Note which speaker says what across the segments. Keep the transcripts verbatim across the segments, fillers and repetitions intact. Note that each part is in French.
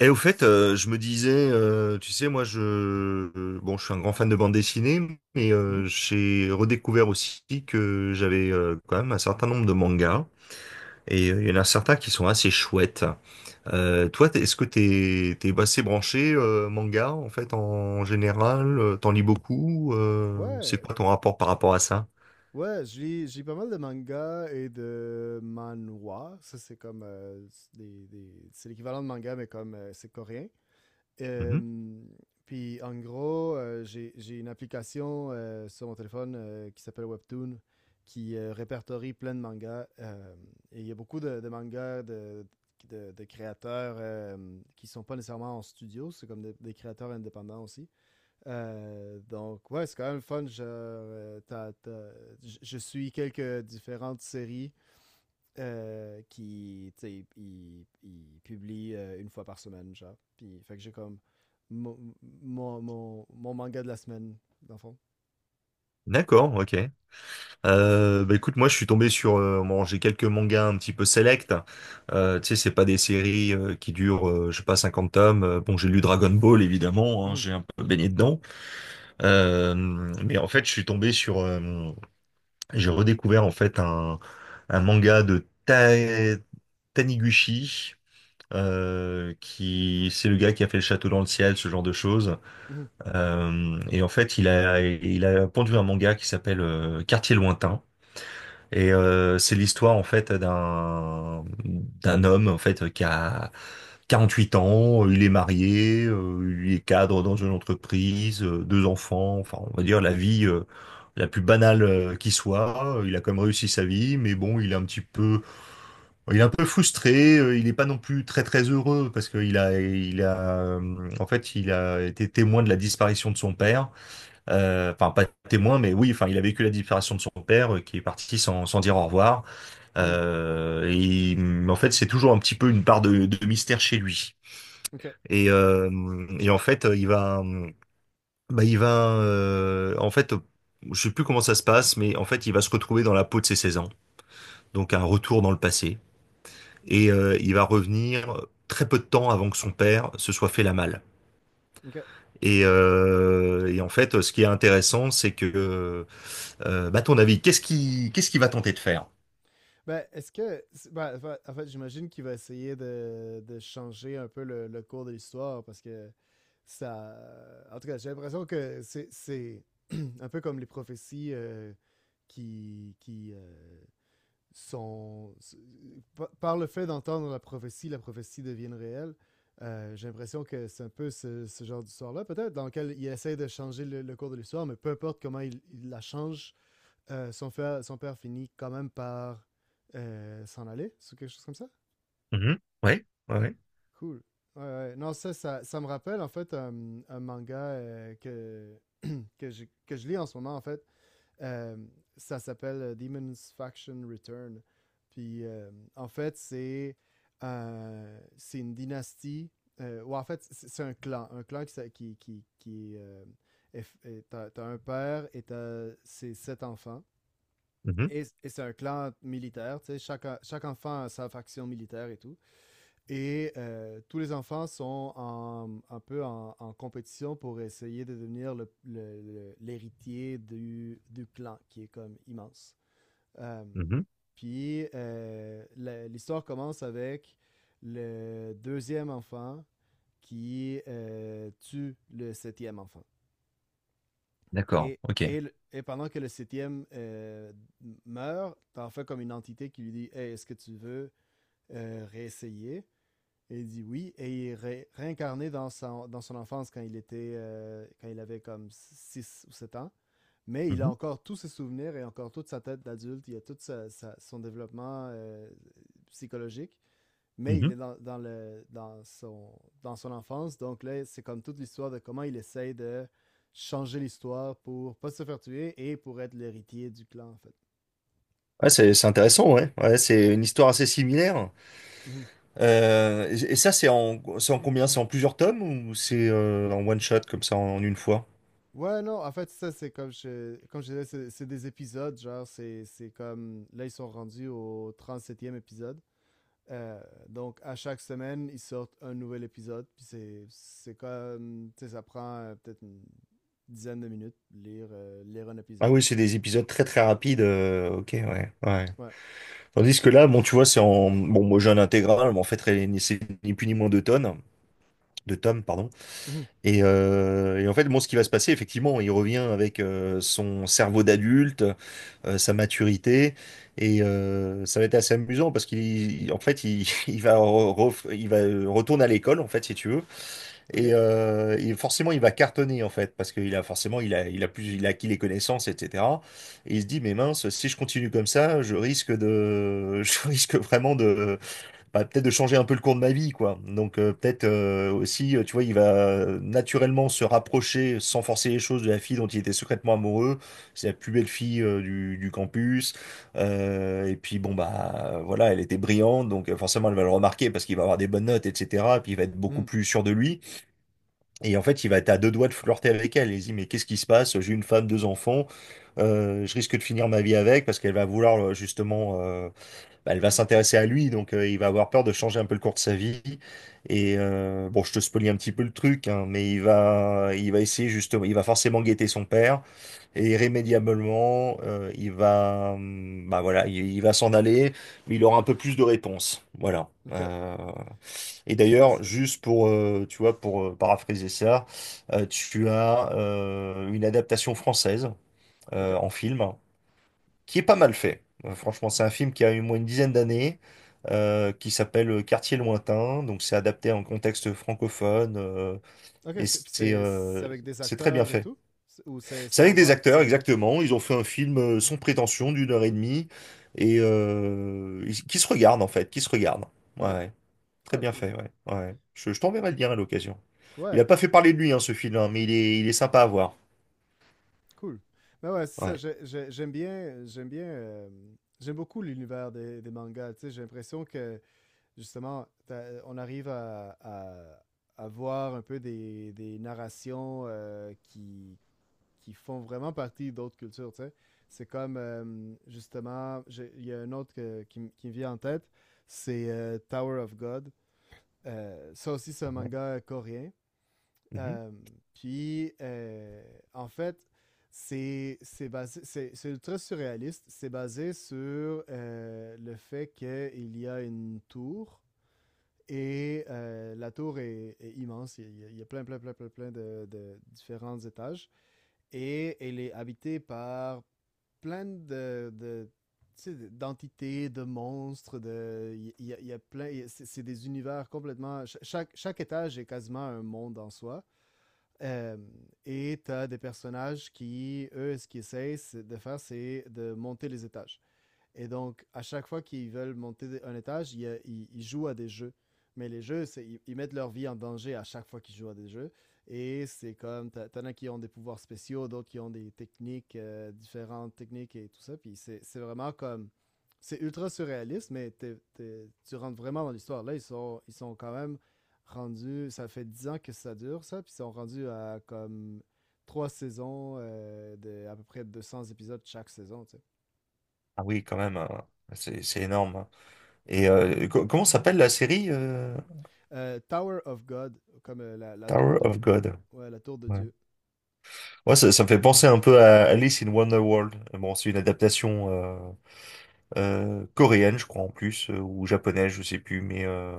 Speaker 1: Et au fait, euh, je me disais, euh, tu sais, moi, je, euh, bon, je suis un grand fan de bande dessinée, mais
Speaker 2: Mmh.
Speaker 1: euh, j'ai redécouvert aussi que j'avais euh, quand même un certain nombre de mangas, et euh, il y en a certains qui sont assez chouettes. Euh, toi, t'es- est-ce que t'es, t'es assez branché euh, manga en fait en général? euh, T'en lis beaucoup? euh, c'est
Speaker 2: Ouais,
Speaker 1: quoi ton rapport par rapport à ça?
Speaker 2: ouais, j'ai j'ai pas mal de mangas et de manhwa. Ça, c'est comme, heu, c'est des des c'est l'équivalent de manga, mais comme, heu, c'est coréen.
Speaker 1: Mhm.
Speaker 2: Euh, puis en gros, euh, j'ai j'ai une application euh, sur mon téléphone euh, qui s'appelle Webtoon, qui euh, répertorie plein de mangas. Euh, et il y a beaucoup de, de mangas de, de- de créateurs euh, qui sont pas nécessairement en studio, c'est comme des, des créateurs indépendants aussi. Euh, donc ouais, c'est quand même fun. Genre, euh, t'as- t'as- je je suis quelques différentes séries euh, qui, tu sais, il, il publie euh, une fois par semaine, genre. Puis, fait que j'ai comme mon, mon, mon- mon manga de la semaine, dans le fond.
Speaker 1: D'accord, ok. Euh, bah écoute, moi je suis tombé sur, euh, bon, j'ai quelques mangas un petit peu select. Euh, tu sais, c'est pas des séries euh, qui durent, euh, je sais pas, cinquante tomes. Euh, bon, j'ai lu Dragon Ball évidemment, hein,
Speaker 2: Mhm,
Speaker 1: j'ai un peu baigné dedans. Euh, mais en fait, je suis tombé sur, euh, j'ai redécouvert en fait un, un manga de Ta- Taniguchi. Euh, qui c'est le gars qui a fait le Château dans le ciel, ce genre de choses.
Speaker 2: mhm,
Speaker 1: Euh, et en fait, il a il a pondu un manga qui s'appelle euh, Quartier lointain. Et euh, c'est l'histoire en fait d'un d'un homme en fait qui a quarante-huit ans, il est marié, euh, il est cadre dans une entreprise, euh, deux enfants, enfin on va dire la vie euh, la plus banale euh, qui soit. Il a quand même réussi sa vie, mais bon, il est un petit peu, il est un peu frustré. euh, Il n'est pas non plus très très heureux parce qu'il a, il a, euh, en fait, il a été témoin de la disparition de son père. Euh, Enfin, pas témoin, mais oui, enfin, il a vécu la disparition de son père euh, qui est parti sans, sans dire au revoir.
Speaker 2: mhm.
Speaker 1: Euh, et hum, en fait, c'est toujours un petit peu une part de, de mystère chez lui.
Speaker 2: OK,
Speaker 1: Et, euh, et en fait, il va, hum, bah, il va, euh, en fait, je sais plus comment ça se passe, mais en fait, il va se retrouver dans la peau de ses seize ans, donc un retour dans le passé. Et euh, il va revenir très peu de temps avant que son père se soit fait la malle.
Speaker 2: OK.
Speaker 1: Et, euh, et en fait, ce qui est intéressant, c'est que, euh, bah, à ton avis, qu'est-ce qui, qu'est-ce qu'il va tenter de faire?
Speaker 2: Ben, est-ce que... ben, en fait- en fait, j'imagine qu'il va essayer de, de changer un peu le, le cours de l'histoire, parce que ça... En tout cas, j'ai l'impression que c'est- c'est un peu comme les prophéties, euh, qui... qui euh, sont, par le fait d'entendre la prophétie, la prophétie devienne réelle. Euh, j'ai l'impression que c'est un peu ce, ce genre d'histoire-là, peut-être, dans lequel il essaie de changer le, le cours de l'histoire, mais peu importe comment il, il la change, euh, son, père, son père finit quand même par euh, s'en aller, ou quelque chose comme ça.
Speaker 1: Mhm. Ouais, ouais, ouais.
Speaker 2: Cool. Ouais, ouais. Non, ça, ça, ça, me rappelle en fait un, un manga euh, que, que, je, que je lis en ce moment, en fait, euh, ça s'appelle Demon's Faction Return. Puis euh, en fait, c'est euh, c'est une dynastie. Euh, ou en fait, c'est un clan. Un clan qui. qui, qui, qui, euh, t'as, t'as un père et t'as ses sept enfants.
Speaker 1: Mhm.
Speaker 2: Et, et c'est un clan militaire. Tu sais, chaque, chaque enfant a sa faction militaire et tout. Et euh, tous les enfants sont en- un peu en, en compétition pour essayer de devenir le- le- le- l'héritier du, du clan, qui est comme immense. Euh,
Speaker 1: Mhm.
Speaker 2: puis euh, la- l'histoire commence avec le deuxième enfant qui euh, tue le septième enfant.
Speaker 1: D'accord,
Speaker 2: Et,
Speaker 1: ok.
Speaker 2: et, et pendant que le septième euh, meurt, t'en fais comme une entité qui lui dit « Hey, est-ce que tu veux euh, réessayer? » et il dit oui, et il est ré- réincarné dans son, dans son enfance quand il était euh, quand il avait comme six ou sept ans. Mais il a
Speaker 1: Mhm.
Speaker 2: encore tous ses souvenirs et encore toute sa tête d'adulte, il a tout sa- sa- son développement euh, psychologique, mais
Speaker 1: Mhm.
Speaker 2: il est dans, dans le, dans, son, dans son enfance. Donc là, c'est comme toute l'histoire de comment il essaye de changer l'histoire pour pas se faire tuer et pour être l'héritier du clan, en fait.
Speaker 1: Ouais, c'est c'est intéressant, ouais. Ouais, c'est une histoire assez similaire.
Speaker 2: Mhm.
Speaker 1: Euh, et, et ça, c'est en, c'est en combien? C'est en plusieurs tomes ou c'est euh, en one shot comme ça en, une fois?
Speaker 2: Ouais, non, en fait, ça, c'est comme je, comme je disais, c'est c'est des épisodes, genre, c'est c'est comme, là, ils sont rendus au trente septième épisode. Euh, donc, à chaque semaine, ils sortent un nouvel épisode, puis c'est c'est comme, tu sais, ça prend euh, peut-être une dizaine de minutes lire, euh, lire un
Speaker 1: Ah
Speaker 2: épisode.
Speaker 1: oui,
Speaker 2: Là.
Speaker 1: c'est des épisodes très très rapides. euh, ok, ouais, ouais.
Speaker 2: Ouais.
Speaker 1: Tandis que là, bon, tu vois, c'est en bon, moi j'ai un intégral, mais en fait, très- c'est ni plus ni moins deux tonnes, deux tomes, pardon.
Speaker 2: Mhm.
Speaker 1: Et, euh, et en fait, bon, ce qui va se passer, effectivement, il revient avec euh, son cerveau d'adulte. euh, sa maturité. Et euh, ça va être assez amusant parce qu'il, en fait, il, il va, re- ref- il va euh, retourne à l'école, en fait, si tu veux. Et,
Speaker 2: OK.
Speaker 1: euh, et forcément, il va cartonner, en fait, parce qu'il a forcément, il a, il a plus, il a acquis les connaissances, et cetera. Et il se dit, mais mince, si je continue comme ça, je risque de, je risque vraiment de, bah, peut-être de changer un peu le cours de ma vie, quoi. Donc euh, peut-être euh, aussi, euh, tu vois, il va euh, naturellement se rapprocher, sans forcer les choses, de la fille dont il était secrètement amoureux. C'est la plus belle fille euh, du, du campus. Euh, et puis bon, bah voilà, elle était brillante, donc euh, forcément elle va le remarquer parce qu'il va avoir des bonnes notes, et cetera. Et puis il va être beaucoup
Speaker 2: Mhm.
Speaker 1: plus sûr de lui. Et en fait, il va être à deux doigts de flirter avec elle. Il se dit, mais qu'est-ce qui se passe? J'ai une femme, deux enfants. Euh, je risque de finir ma vie avec parce qu'elle va vouloir euh, justement euh, bah, elle va s'intéresser à lui, donc euh, il va avoir peur de changer un peu le cours de sa vie. Et euh, bon, je te spoilie un petit peu le truc, hein, mais il va, il va essayer justement, il va forcément guetter son père, et irrémédiablement, euh, il va, hum, bah voilà, il, il va s'en aller, mais il aura un peu plus de réponses, voilà.
Speaker 2: OK.
Speaker 1: Euh, et
Speaker 2: Ah,
Speaker 1: d'ailleurs,
Speaker 2: c'est...
Speaker 1: juste pour, euh, tu vois, pour euh, paraphraser ça, euh, tu as euh, une adaptation française euh,
Speaker 2: OK.
Speaker 1: en film qui est pas mal fait. Euh, Franchement, c'est un film qui a eu moins une dizaine d'années, euh, qui s'appelle euh, Quartier lointain. Donc, c'est adapté en contexte francophone euh,
Speaker 2: OK,
Speaker 1: et
Speaker 2: c'est puis
Speaker 1: c'est
Speaker 2: c'est- c'est
Speaker 1: euh,
Speaker 2: avec des
Speaker 1: c'est très bien
Speaker 2: acteurs et
Speaker 1: fait.
Speaker 2: tout? C'est- ou c'est
Speaker 1: C'est
Speaker 2: ça
Speaker 1: avec
Speaker 2: en
Speaker 1: des
Speaker 2: bande
Speaker 1: acteurs,
Speaker 2: animée?
Speaker 1: exactement. Ils ont fait un film euh, sans prétention d'une heure et demie et euh, ils- qui se regardent en fait, qui se regardent. Ouais,
Speaker 2: OK.
Speaker 1: ouais. Très
Speaker 2: Ah,
Speaker 1: bien
Speaker 2: cool.
Speaker 1: fait. Ouais, ouais, ouais. Je, je t'enverrai le lien à l'occasion. Il a
Speaker 2: Ouais.
Speaker 1: pas fait parler de lui hein, ce film, hein, mais il est il est sympa à voir.
Speaker 2: Cool. Ben ouais, c'est ça.
Speaker 1: Ouais.
Speaker 2: j'ai- j'ai- J'aime bien, j'aime bien, euh, j'aime beaucoup l'univers des, des mangas. Tu sais, j'ai l'impression que justement, t'as- on arrive à, à, à voir un peu des, des narrations euh, qui, qui font vraiment partie d'autres cultures. Tu sais, c'est comme euh, justement, j'ai- il y a un autre que- qui, m- qui me vient en tête, c'est euh, Tower of God. Euh, ça aussi, c'est un
Speaker 1: Ouais.
Speaker 2: manga coréen.
Speaker 1: Mhm.
Speaker 2: Euh, puis, euh, en fait, c'est c'est basé, c'est c'est ultra surréaliste. C'est basé sur euh, le fait qu'il y a une tour et euh, la tour est, est immense. Il y, a, il y a plein, plein, plein, plein, plein de, de différents étages et elle est habitée par plein de, de tu sais, d'entités, de monstres, de il y, a- il y a plein, il y a- c'est c'est des univers complètement. cha- Chaque, chaque étage est quasiment un monde en soi. Euh, et tu as des personnages qui, eux, ce qu'ils essayent de faire, c'est de monter les étages. Et donc, à chaque fois qu'ils veulent monter un étage, ils, ils- ils jouent à des jeux. Mais les jeux, c'est, ils, ils mettent leur vie en danger à chaque fois qu'ils jouent à des jeux. Et c'est comme, t'as- t'en as qui ont des pouvoirs spéciaux, d'autres qui ont des techniques, euh, différentes techniques et tout ça. Puis c'est, c'est vraiment comme, c'est ultra surréaliste, mais t'es- t'es- tu rentres vraiment dans l'histoire. Là, ils sont, ils sont quand même rendus, ça fait dix ans que ça dure, ça. Puis ils sont rendus à comme trois saisons euh, de à peu près deux cents épisodes chaque saison, tu sais.
Speaker 1: Ah oui, quand même. Hein. C'est c'est énorme. Hein. Et euh, co- comment s'appelle la série euh,
Speaker 2: Euh, Tower of God, comme euh, la, la tour
Speaker 1: Tower
Speaker 2: de...
Speaker 1: of God.
Speaker 2: Ouais, la tour de
Speaker 1: Ouais,
Speaker 2: Dieu.
Speaker 1: Ouais, ça, ça me fait penser un peu à Alice in Wonderworld. Euh, Bon, c'est une adaptation euh, euh, coréenne, je crois en plus, euh, ou japonaise, je sais plus. Mais euh,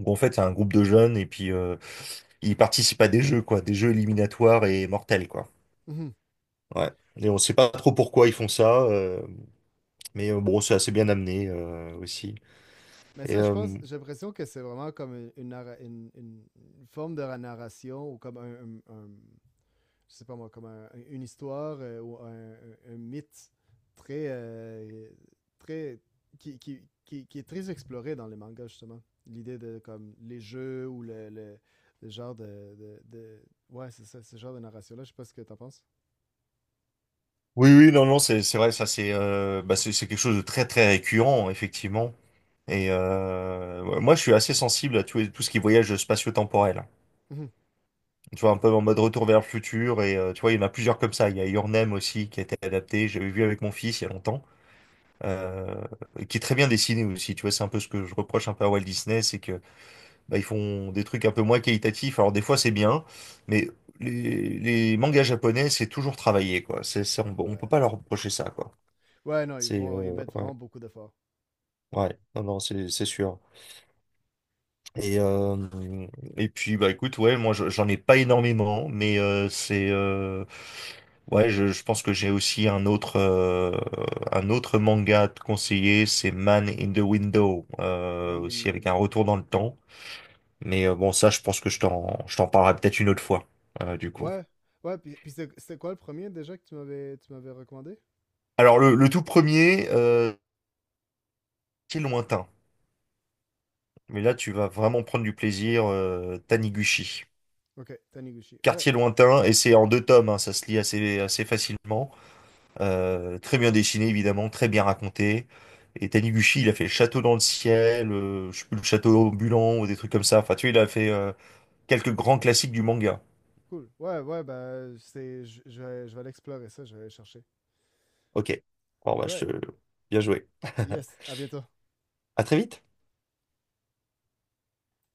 Speaker 1: où en fait, c'est un groupe de jeunes et puis euh, ils participent à des jeux, quoi, des jeux éliminatoires et mortels, quoi.
Speaker 2: Mhm.
Speaker 1: Ouais. Et on sait pas trop pourquoi ils font ça, euh, mais euh, bon, c'est assez bien amené euh, aussi.
Speaker 2: Mais
Speaker 1: Et
Speaker 2: ça, je
Speaker 1: euh,
Speaker 2: pense, j'ai l'impression que c'est vraiment comme une, une narra- une- une- une forme de narration ou comme un, un- un- je sais pas moi, comme un- une histoire euh, ou un, un- un mythe très, euh, très, qui, qui- qui- qui est très exploré dans les mangas justement. L'idée de comme les jeux ou le, le- le genre de, de- de- ouais, c'est ça, ce genre de narration là. Je sais pas ce que t'en penses.
Speaker 1: Oui, oui, non, non, c'est c'est vrai, ça c'est euh, bah, c'est c'est quelque chose de très très récurrent effectivement. Et euh, ouais, moi, je suis assez sensible à tout, tout ce qui est voyage spatio-temporel.
Speaker 2: Mhm.
Speaker 1: Tu vois, un peu en mode Retour vers le futur. Et euh, tu vois, il y en a plusieurs comme ça. Il y a Your Name aussi qui a été adapté. J'avais vu avec mon fils il y a longtemps, euh, et qui est très bien dessiné aussi. Tu vois, c'est un peu ce que je reproche un peu à Walt Disney, c'est que bah, ils font des trucs un peu moins qualitatifs. Alors des fois, c'est bien, mais les, les mangas japonais, c'est toujours travaillé, quoi. C'est, c'est- on, on peut
Speaker 2: Ouais.
Speaker 1: pas leur reprocher ça, quoi.
Speaker 2: Ouais, non, ils
Speaker 1: C'est
Speaker 2: vont, ils
Speaker 1: euh,
Speaker 2: mettent
Speaker 1: ouais,
Speaker 2: vraiment beaucoup d'efforts.
Speaker 1: ouais, non, non, c'est c'est sûr. Et, euh, et puis bah écoute, ouais, moi je- j'en ai pas énormément, mais euh, c'est euh, ouais, je, je pense que j'ai aussi un autre euh, un autre manga à te conseiller, c'est Man in the Window, euh,
Speaker 2: Man in
Speaker 1: aussi
Speaker 2: the
Speaker 1: avec un
Speaker 2: Window.
Speaker 1: retour dans le temps. Mais euh, bon, ça, je pense que je t'en je t'en parlerai peut-être une autre fois, euh, du coup.
Speaker 2: Ouais, ouais, puis, puis c'est- c'était quoi le premier déjà que tu m'avais, tu m'avais recommandé?
Speaker 1: Alors le, le tout premier, euh, c'est lointain, mais là tu vas vraiment prendre du plaisir, euh, Taniguchi.
Speaker 2: Ok, Taniguchi. Ouais,
Speaker 1: Quartier lointain, et c'est en deux tomes, hein, ça se lit assez, assez facilement. Euh, très bien dessiné, évidemment, très bien raconté. Et Taniguchi, il a fait Château dans le ciel, euh, je sais plus, le Château ambulant ou des trucs comme ça. Enfin, tu vois, il a fait
Speaker 2: cool.
Speaker 1: euh, quelques grands classiques du manga.
Speaker 2: Cool. Ouais, ouais, bah, c'est, je je vais, je vais aller explorer ça, je vais aller chercher.
Speaker 1: Ok. Bon, bah, je...
Speaker 2: Alright,
Speaker 1: Bien joué.
Speaker 2: yes, à bientôt.
Speaker 1: À très vite.